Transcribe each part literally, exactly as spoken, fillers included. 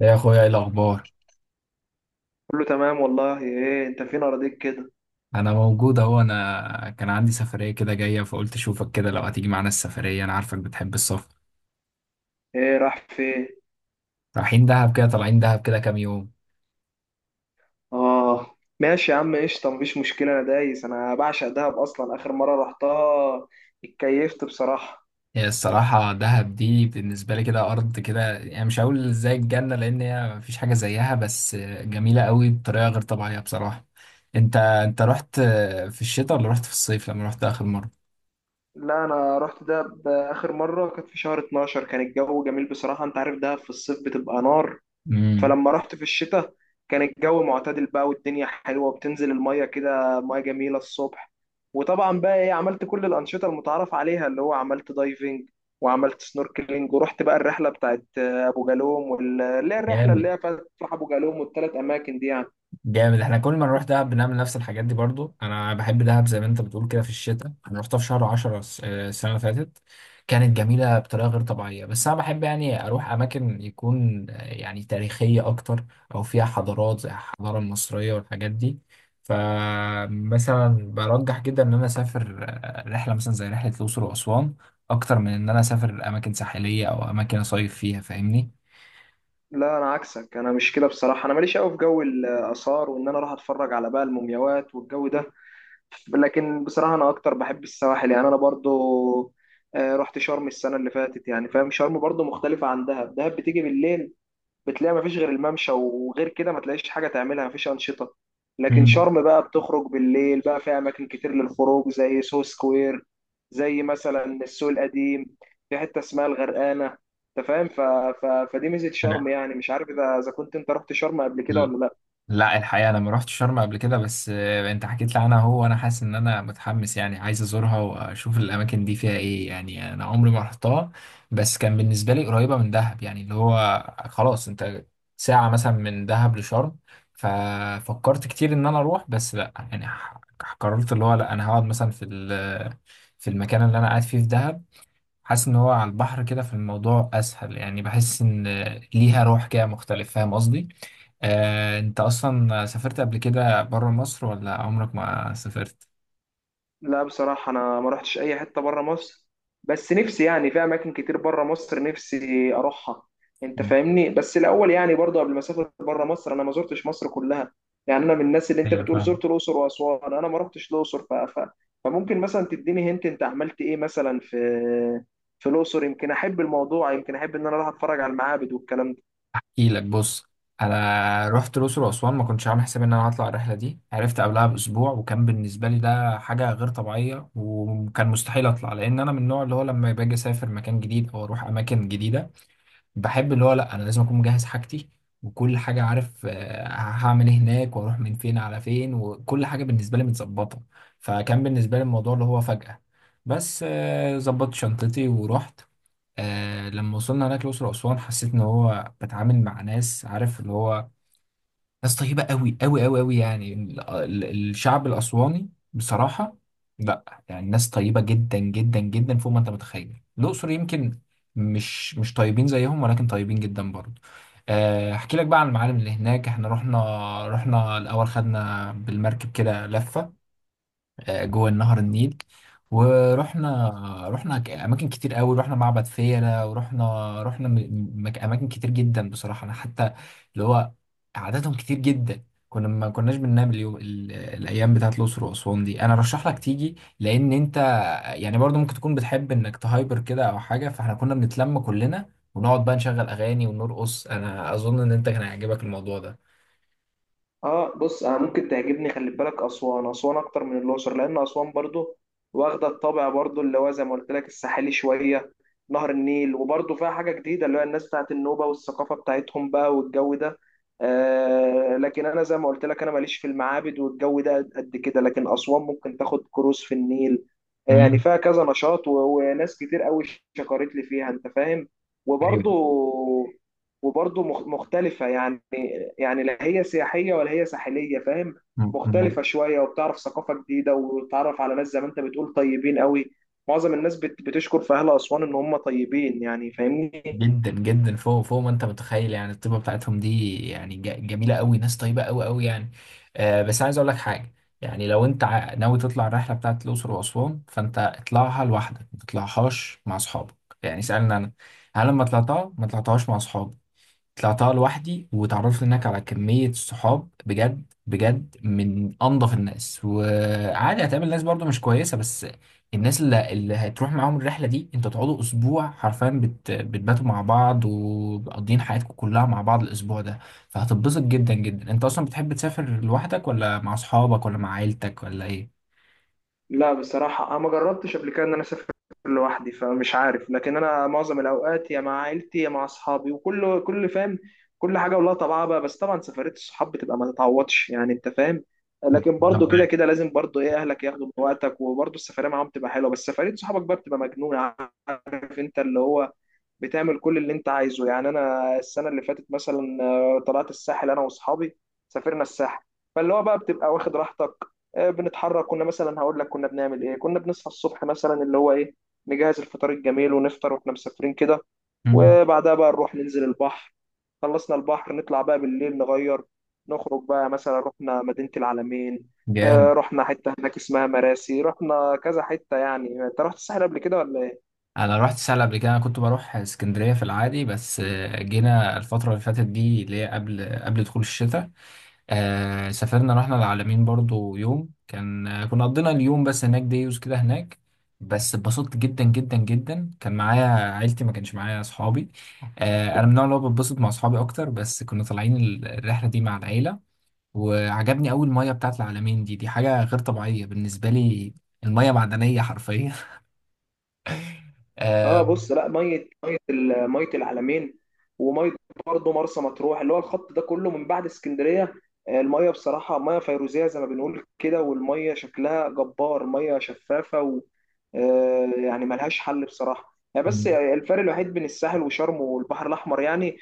يا اخويا، ايه الاخبار؟ كله تمام والله. ايه انت فين اراضيك كده؟ انا موجود اهو. انا كان عندي سفريه كده جايه، فقلت اشوفك كده لو هتيجي معانا السفريه. انا عارفك بتحب السفر. ايه راح فين؟ رايحين دهب كده، طالعين دهب كده كام يوم. اه ماشي يا عم، قشطه، مفيش مشكله، انا دايس، انا بعشق دهب اصلا. اخر مره رحتها اتكيفت بصراحه. هي الصراحه دهب دي بالنسبه لي كده ارض كده، يعني مش هقول زي الجنه لان هي مفيش حاجه زيها، بس جميله قوي بطريقه غير طبيعيه بصراحه. انت انت رحت في الشتاء ولا رحت في الصيف لما رحت اخر مره؟ لا انا رحت دهب اخر مره كانت في شهر اتناشر، كان الجو جميل بصراحه. انت عارف دهب في الصيف بتبقى نار، امم فلما رحت في الشتاء كان الجو معتدل بقى والدنيا حلوة وبتنزل المية كده، مية جميلة الصبح. وطبعا بقى ايه، عملت كل الأنشطة المتعارف عليها، اللي هو عملت دايفنج وعملت سنوركلينج، ورحت بقى الرحلة بتاعت آه، أبو جالوم وال- اللي هي الرحلة اللي جامد هي فتح أبو جالوم والثلاث أماكن دي يعني. جامد احنا كل ما نروح دهب بنعمل نفس الحاجات دي. برضو انا بحب دهب زي ما انت بتقول كده في الشتاء. انا رحتها في شهر عشرة الس- آه، السنه اللي فاتت. كانت جميله بطريقه غير طبيعيه، بس انا بحب يعني اروح اماكن يكون آه، يعني تاريخيه اكتر، او فيها حضارات زي الحضاره المصريه والحاجات دي. فمثلا برجح جدا ان انا اسافر آه، رحله مثلا زي رحله الاقصر واسوان، اكتر من ان انا اسافر اماكن ساحليه او اماكن اصيف فيها. فاهمني؟ لا أنا عكسك، أنا مش كده بصراحة، أنا ماليش قوي في جو الآثار وإن أنا أروح أتفرج على بقى المومياوات والجو ده. لكن بصراحة أنا أكتر بحب السواحل، يعني أنا برضو آه، رحت شرم السنة اللي فاتت، يعني فاهم، شرم برضو مختلفة عن دهب. دهب بتيجي بالليل بتلاقي مفيش غير الممشى، وغير كده ما تلاقيش حاجة تعملها، مفيش أنشطة. لكن مم. شرم بقى بتخرج بالليل، بقى فيها أماكن كتير للخروج، زي سو سكوير، زي مثلا السوق القديم، في حتة اسمها الغرقانة، أنت فاهم. ف... ف... فدي ميزة شرم، انا يعني مش عارف إذا إذا كنت أنت رحت شرم قبل كده ولا لأ. لا الحقيقة أنا ما رحت شرم قبل كده، بس آه، أنت حكيت لي عنها. هو وأنا حاسس إن أنا متحمس، يعني عايز أزورها وأشوف الأماكن دي فيها إيه. يعني أنا عمري ما رحتها، بس كان بالنسبة لي قريبة من دهب، يعني اللي هو خلاص أنت ساعة مثلا من دهب لشرم. ففكرت كتير إن أنا أروح، بس لا يعني ح- قررت اللي هو لا، أنا هقعد مثلا في ال- في المكان اللي أنا قاعد فيه في دهب. حاسس إن هو على البحر كده في الموضوع أسهل. يعني بحس إن ليها روح كده مختلف. فاهم قصدي؟ آه، انت اصلا سافرت قبل كده بره مصر ولا عمرك ما سافرت؟ لا بصراحة أنا ما رحتش أي حتة برا مصر، بس نفسي يعني في أماكن كتير برا مصر نفسي أروحها، أنت فاهمني. بس الأول يعني برضه قبل ما أسافر برا مصر، أنا ما زرتش مصر كلها. يعني أنا من الناس اللي أنت ايوه بتقول فاهم. زرت الأقصر وأسوان، أنا ما رحتش الأقصر. ف... ف... فممكن مثلا تديني هنت أنت عملت إيه مثلا في في الأقصر. يمكن أحب الموضوع، يمكن أحب إن أنا أروح أتفرج على المعابد والكلام ده. احكيلك، بص، انا رحت الاقصر واسوان. ما كنتش عامل حسابي ان انا هطلع الرحله دي، عرفت قبلها باسبوع، وكان بالنسبه لي ده حاجه غير طبيعيه. وكان مستحيل اطلع لان انا من النوع اللي هو لما باجي اسافر مكان جديد او اروح اماكن جديده، بحب اللي هو لا، انا لازم اكون مجهز حاجتي وكل حاجه، عارف آه، هعمل ايه هناك واروح من فين على فين، وكل حاجه بالنسبه لي متظبطه. فكان بالنسبه لي الموضوع اللي هو فجأة، بس آه، ظبطت شنطتي ورحت. آه، لما وصلنا هناك الأقصر وأسوان، حسيت إن هو بتعامل مع ناس عارف اللي هو ناس طيبة قوي قوي قوي قوي، يعني ال- ال- الشعب الأسواني بصراحة. لا يعني ناس طيبة جدا جدا جدا فوق ما أنت متخيل. الأقصر يمكن مش مش طيبين زيهم، ولكن طيبين جدا برضه. آه، أحكي لك بقى عن المعالم اللي هناك. إحنا رحنا رحنا الأول خدنا بالمركب كده لفة آه، جوه نهر النيل. ورحنا رحنا ك- اماكن كتير قوي، رحنا معبد فيلة، ورحنا رحنا م- م- مك- اماكن كتير جدا بصراحة. انا حتى اللي هو عددهم كتير جدا، كنا ما كناش بننام اليوم ال- الايام بتاعت الاقصر واسوان دي. انا رشح لك تيجي، لان انت يعني برضو ممكن تكون بتحب انك تهايبر كده او حاجة، فاحنا كنا بنتلم كلنا ونقعد بقى نشغل اغاني ونرقص. انا اظن ان انت كان هيعجبك الموضوع ده. اه بص، انا ممكن تعجبني، خلي بالك، اسوان، اسوان اكتر من الاقصر، لان اسوان برضو واخده الطابع برضو اللي هو زي ما قلت لك الساحلي شويه، نهر النيل، وبرضو فيها حاجه جديده، اللي هو الناس بتاعت النوبه والثقافه بتاعتهم بقى والجو ده. آه لكن انا زي ما قلت لك انا ماليش في المعابد والجو ده قد كده، لكن اسوان ممكن تاخد كروز في النيل. آه، يعني امم. فيها كذا نشاط و- وناس كتير قوي شكرت لي فيها، انت فاهم. وبرضو وبرضو مخ- مختلفه يعني، يعني لا هي سياحية ولا هي ساحلية، فاهم؟ ايوه. مختلفة شوية، وبتعرف ثقافة جديدة وتتعرف على ناس زي ما انت بتقول طيبين قوي. معظم الناس بت- بتشكر في أهل أسوان إن هم طيبين، يعني فاهمني. جدا جدا فوق فوق ما انت متخيل، يعني الطيبه بتاعتهم دي، يعني ج- جميله قوي. ناس طيبه قوي قوي يعني. آه، بس عايز اقول لك حاجه. يعني لو انت ع- ناوي تطلع الرحله بتاعت الاقصر واسوان، فانت اطلعها لوحدك، ما تطلعهاش مع اصحابك. يعني سالني انا، هل لما طلعتها ما طلعتهاش مع اصحابي؟ طلعتها لوحدي، وتعرفت هناك على كمية صحاب، بجد بجد، من أنظف الناس. وعادي هتقابل ناس برضو مش كويسة، بس الناس اللي, اللي هتروح معاهم الرحلة دي، انتوا تقعدوا أسبوع حرفيا بت... بتباتوا مع بعض ومقضيين حياتكم كلها مع بعض الأسبوع ده. فهتتبسط جدا جدا. انت أصلا بتحب تسافر لوحدك ولا مع أصحابك ولا مع عيلتك ولا إيه؟ لا بصراحة أنا ما جربتش قبل كده إن أنا أسافر لوحدي، فمش عارف، لكن أنا معظم الأوقات يا مع عيلتي يا مع أصحابي، وكل كل فاهم، كل حاجة ولها طبعها بقى. بس طبعا سفرية الصحاب بتبقى ما تتعوضش، يعني أنت فاهم. لكن أنا برضو كده معاك. كده لازم برضو إيه، أهلك ياخدوا من وقتك، وبرضو السفرية معاهم بتبقى حلوة، بس سفرية صحابك بقى بتبقى مجنونة. عارف أنت، اللي هو بتعمل كل اللي انت عايزه. يعني انا السنه اللي فاتت مثلا آه، طلعت الساحل انا واصحابي، سافرنا الساحل، فاللي هو بقى بتبقى واخد راحتك. آه، بنتحرك كنا مثلا، هقول لك كنا بنعمل ايه، كنا بنصحى الصبح مثلا اللي هو ايه، نجهز الفطار الجميل ونفطر واحنا مسافرين كده، مم. وبعدها بقى نروح ننزل البحر، خلصنا البحر نطلع بقى بالليل نغير، نخرج بقى مثلا رحنا مدينة العلمين. جامد. آه، رحنا حتة هناك اسمها مراسي، رحنا كذا حتة. يعني انت رحت الساحل قبل كده ولا؟ انا رحت سهل قبل كده، انا كنت بروح اسكندريه في العادي، بس آه، جينا الفتره اللي فاتت دي، اللي هي قبل قبل دخول الشتاء، آه، سافرنا، رحنا العلمين برضو يوم. كان آه، كنا قضينا اليوم بس هناك، ديوز كده هناك، بس اتبسطت جدا جدا جدا. كان معايا عيلتي، ما كانش معايا اصحابي. آه، انا من النوع اللي هو بتبسط مع اصحابي اكتر، بس كنا طالعين ال- الرحله دي مع العيله. وعجبني اول ميه بتاعت العلمين دي، دي حاجه غير طبيعيه بالنسبه لي. الميه معدنيه حرفيا. آه، اه بص، لا ميه، ميه ال- ميه العلمين وميه برضه مرسى مطروح اللي هو الخط ده كله من بعد اسكندريه. آه، الميه بصراحه ميه فيروزيه زي ما بنقول كده، والميه شكلها جبار، ميه شفافه و آه، يعني ملهاش حل بصراحه يعني. بس الفرق الوحيد بين الساحل وشرم والبحر الاحمر يعني،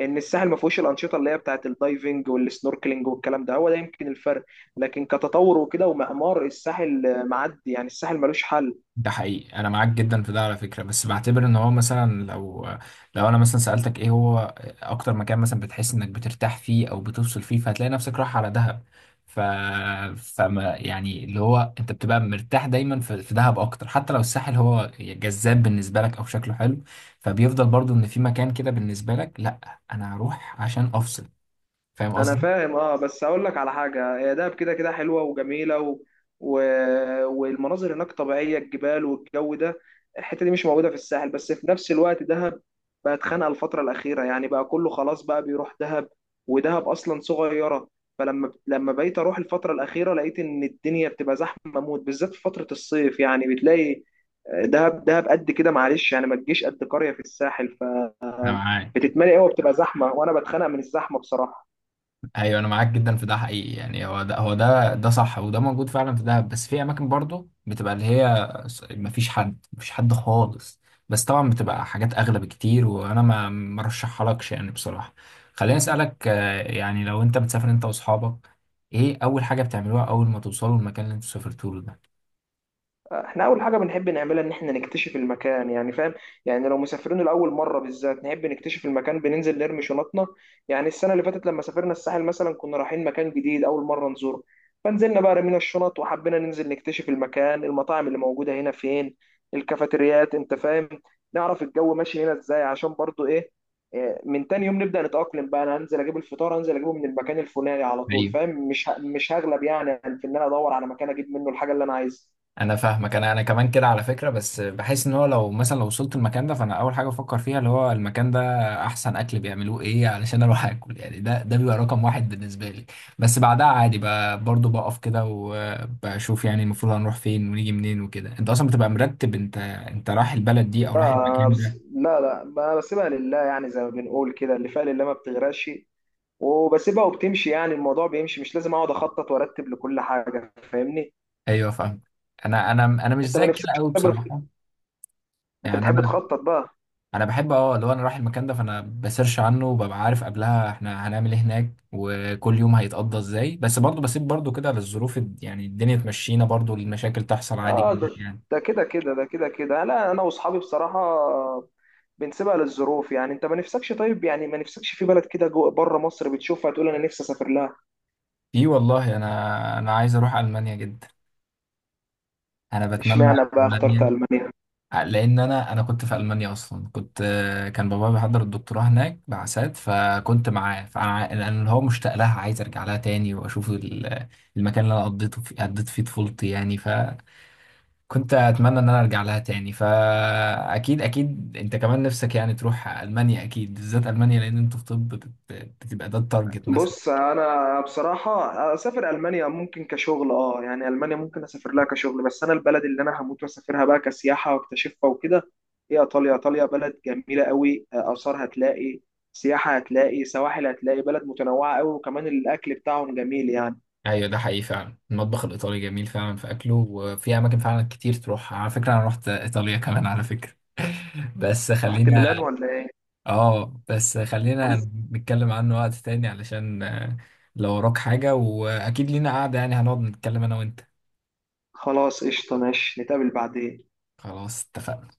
ان الساحل ما فيهوش الانشطه اللي هي بتاعت الدايفنج والسنوركلينج والكلام ده، هو ده يمكن الفرق. لكن كتطور وكده ومعمار الساحل آه، معدي، يعني الساحل ملوش حل. ده حقيقي، انا معاك جدا في ده على فكره. بس بعتبر ان هو مثلا، لو لو انا مثلا سالتك، ايه هو اكتر مكان مثلا بتحس انك بترتاح فيه او بتفصل فيه، فهتلاقي نفسك رايح على دهب. ف فما يعني اللي هو انت بتبقى مرتاح دايما في في دهب اكتر، حتى لو الساحل هو جذاب بالنسبه لك او شكله حلو. فبيفضل برضو ان في مكان كده بالنسبه لك، لا انا هروح عشان افصل. فاهم انا قصدي؟ فاهم اه، بس اقول لك على حاجه، هي دهب كده كده حلوه وجميله و... و... والمناظر هناك طبيعيه، الجبال والجو ده، الحته دي مش موجوده في الساحل. بس في نفس الوقت دهب بقت خانقه الفتره الاخيره، يعني بقى كله خلاص بقى بيروح دهب، ودهب اصلا صغيره. فلما لما بقيت اروح الفتره الاخيره لقيت ان الدنيا بتبقى زحمه موت، بالذات في فتره الصيف، يعني بتلاقي آه، دهب، دهب قد كده معلش، يعني ما تجيش قد قريه في الساحل، انا معاك. فبتتملي قوي وبتبقى زحمه، وانا بتخنق من الزحمه بصراحه. ايوه انا معاك جدا في ده حقيقي. يعني هو ده هو ده ده صح، وده موجود فعلا في دهب. بس في اماكن برضه بتبقى اللي هي ما فيش حد مفيش حد خالص. بس طبعا بتبقى حاجات اغلى بكتير، وانا ما مرشحها لكش يعني بصراحه. خليني اسالك آه، يعني لو انت بتسافر انت واصحابك، ايه اول حاجه بتعملوها اول ما توصلوا المكان اللي انتوا سافرتوا له ده؟ احنا اول حاجه بنحب نعملها ان احنا نكتشف المكان، يعني فاهم. يعني لو مسافرين لاول مره بالذات نحب نكتشف المكان، بننزل نرمي شنطنا. يعني السنه اللي فاتت لما سافرنا الساحل مثلا، كنا رايحين مكان جديد اول مره نزوره، فنزلنا بقى رمينا الشنط وحبينا ننزل نكتشف المكان، المطاعم اللي موجوده هنا فين، الكافيتريات، انت فاهم، نعرف الجو ماشي هنا ازاي، عشان برضو ايه، إيه، من تاني يوم نبدا نتاقلم بقى، انا هنزل اجيب الفطار، هنزل اجيبه من المكان الفلاني على طول، فاهم، مش ه- مش هغلب يعني في ان انا ادور على مكان اجيب منه الحاجه اللي انا عايزها. انا فاهمك. انا انا كمان كده على فكره. بس بحس ان هو لو مثلا لو وصلت المكان ده، فانا اول حاجه بفكر فيها اللي هو المكان ده احسن اكل بيعملوه ايه علشان اروح اكل. يعني ده ده بيبقى رقم واحد بالنسبه لي. بس بعدها عادي ب- برضه بقف كده وبشوف يعني المفروض هنروح فين ونيجي منين وكده. انت اصلا بتبقى مرتب، انت انت رايح البلد دي او رايح لا المكان بس ده؟ لا لا ب- بسيبها لله، يعني زي ما بنقول كده، اللي فيها لله ما بتغرقش، وبسيبها وبتمشي، يعني الموضوع بيمشي، مش لازم اقعد اخطط وارتب لكل حاجه، فاهمني. ايوه فاهم. انا انا انا مش انت ما زيك كده نفسكش قوي تسافر في- بصراحه. انت يعني بتحب انا تخطط بقى؟ انا بحب اه اللي هو انا رايح المكان ده فانا بسيرش عنه وببقى عارف قبلها احنا هنعمل ايه هناك، وكل يوم هيتقضى ازاي. بس برضه بسيب برضه كده للظروف الد- يعني الدنيا تمشينا برضه، المشاكل تحصل عادي اه جدا ده، يعني. ده كده كده، ده كده كده، لا انا واصحابي بصراحه بنسيبها للظروف. يعني انت ما نفسكش، طيب يعني ما نفسكش في بلد كده جوه بره مصر بتشوفها تقول انا نفسي اسافر لها؟ في والله. انا انا عايز اروح المانيا جدا. انا بتمنى. اشمعنى بقى اخترت المانيا المانيا؟ لان انا انا كنت في المانيا اصلا. كنت كان بابا بيحضر الدكتوراه هناك بعثات، فكنت معاه. فانا أنا اللي هو مشتاق لها، عايز ارجع لها تاني واشوف ال- المكان اللي انا قضيته فيه قضيت فيه طفولتي يعني. كنت اتمنى ان انا ارجع لها تاني. فاكيد اكيد انت كمان نفسك يعني تروح المانيا اكيد، بالذات المانيا لان انتوا في طب بت- بتبقى ده التارجت مثلا. بص انا بصراحه اسافر المانيا ممكن كشغل، اه يعني المانيا ممكن اسافر لها كشغل، بس انا البلد اللي انا هموت واسافرها بقى كسياحه واكتشفها وكده هي ايطاليا. ايطاليا بلد جميله قوي، اثار هتلاقي، سياحه هتلاقي، سواحل هتلاقي، بلد متنوعه قوي، وكمان الاكل بتاعهم جميل يعني. ايوه ده حقيقي فعلا، المطبخ الايطالي جميل فعلا في اكله، وفي اماكن فعلا كتير تروح. على فكره انا رحت ايطاليا كمان على فكره. بس رحت خلينا ميلان ولا ايه؟ اه بس خلينا نتكلم عنه وقت تاني، علشان آه، لو وراك حاجه. واكيد لينا قعده يعني، هنقعد نتكلم انا وانت. خلاص قشطه، ماشي، نتقابل بعدين. خلاص اتفقنا.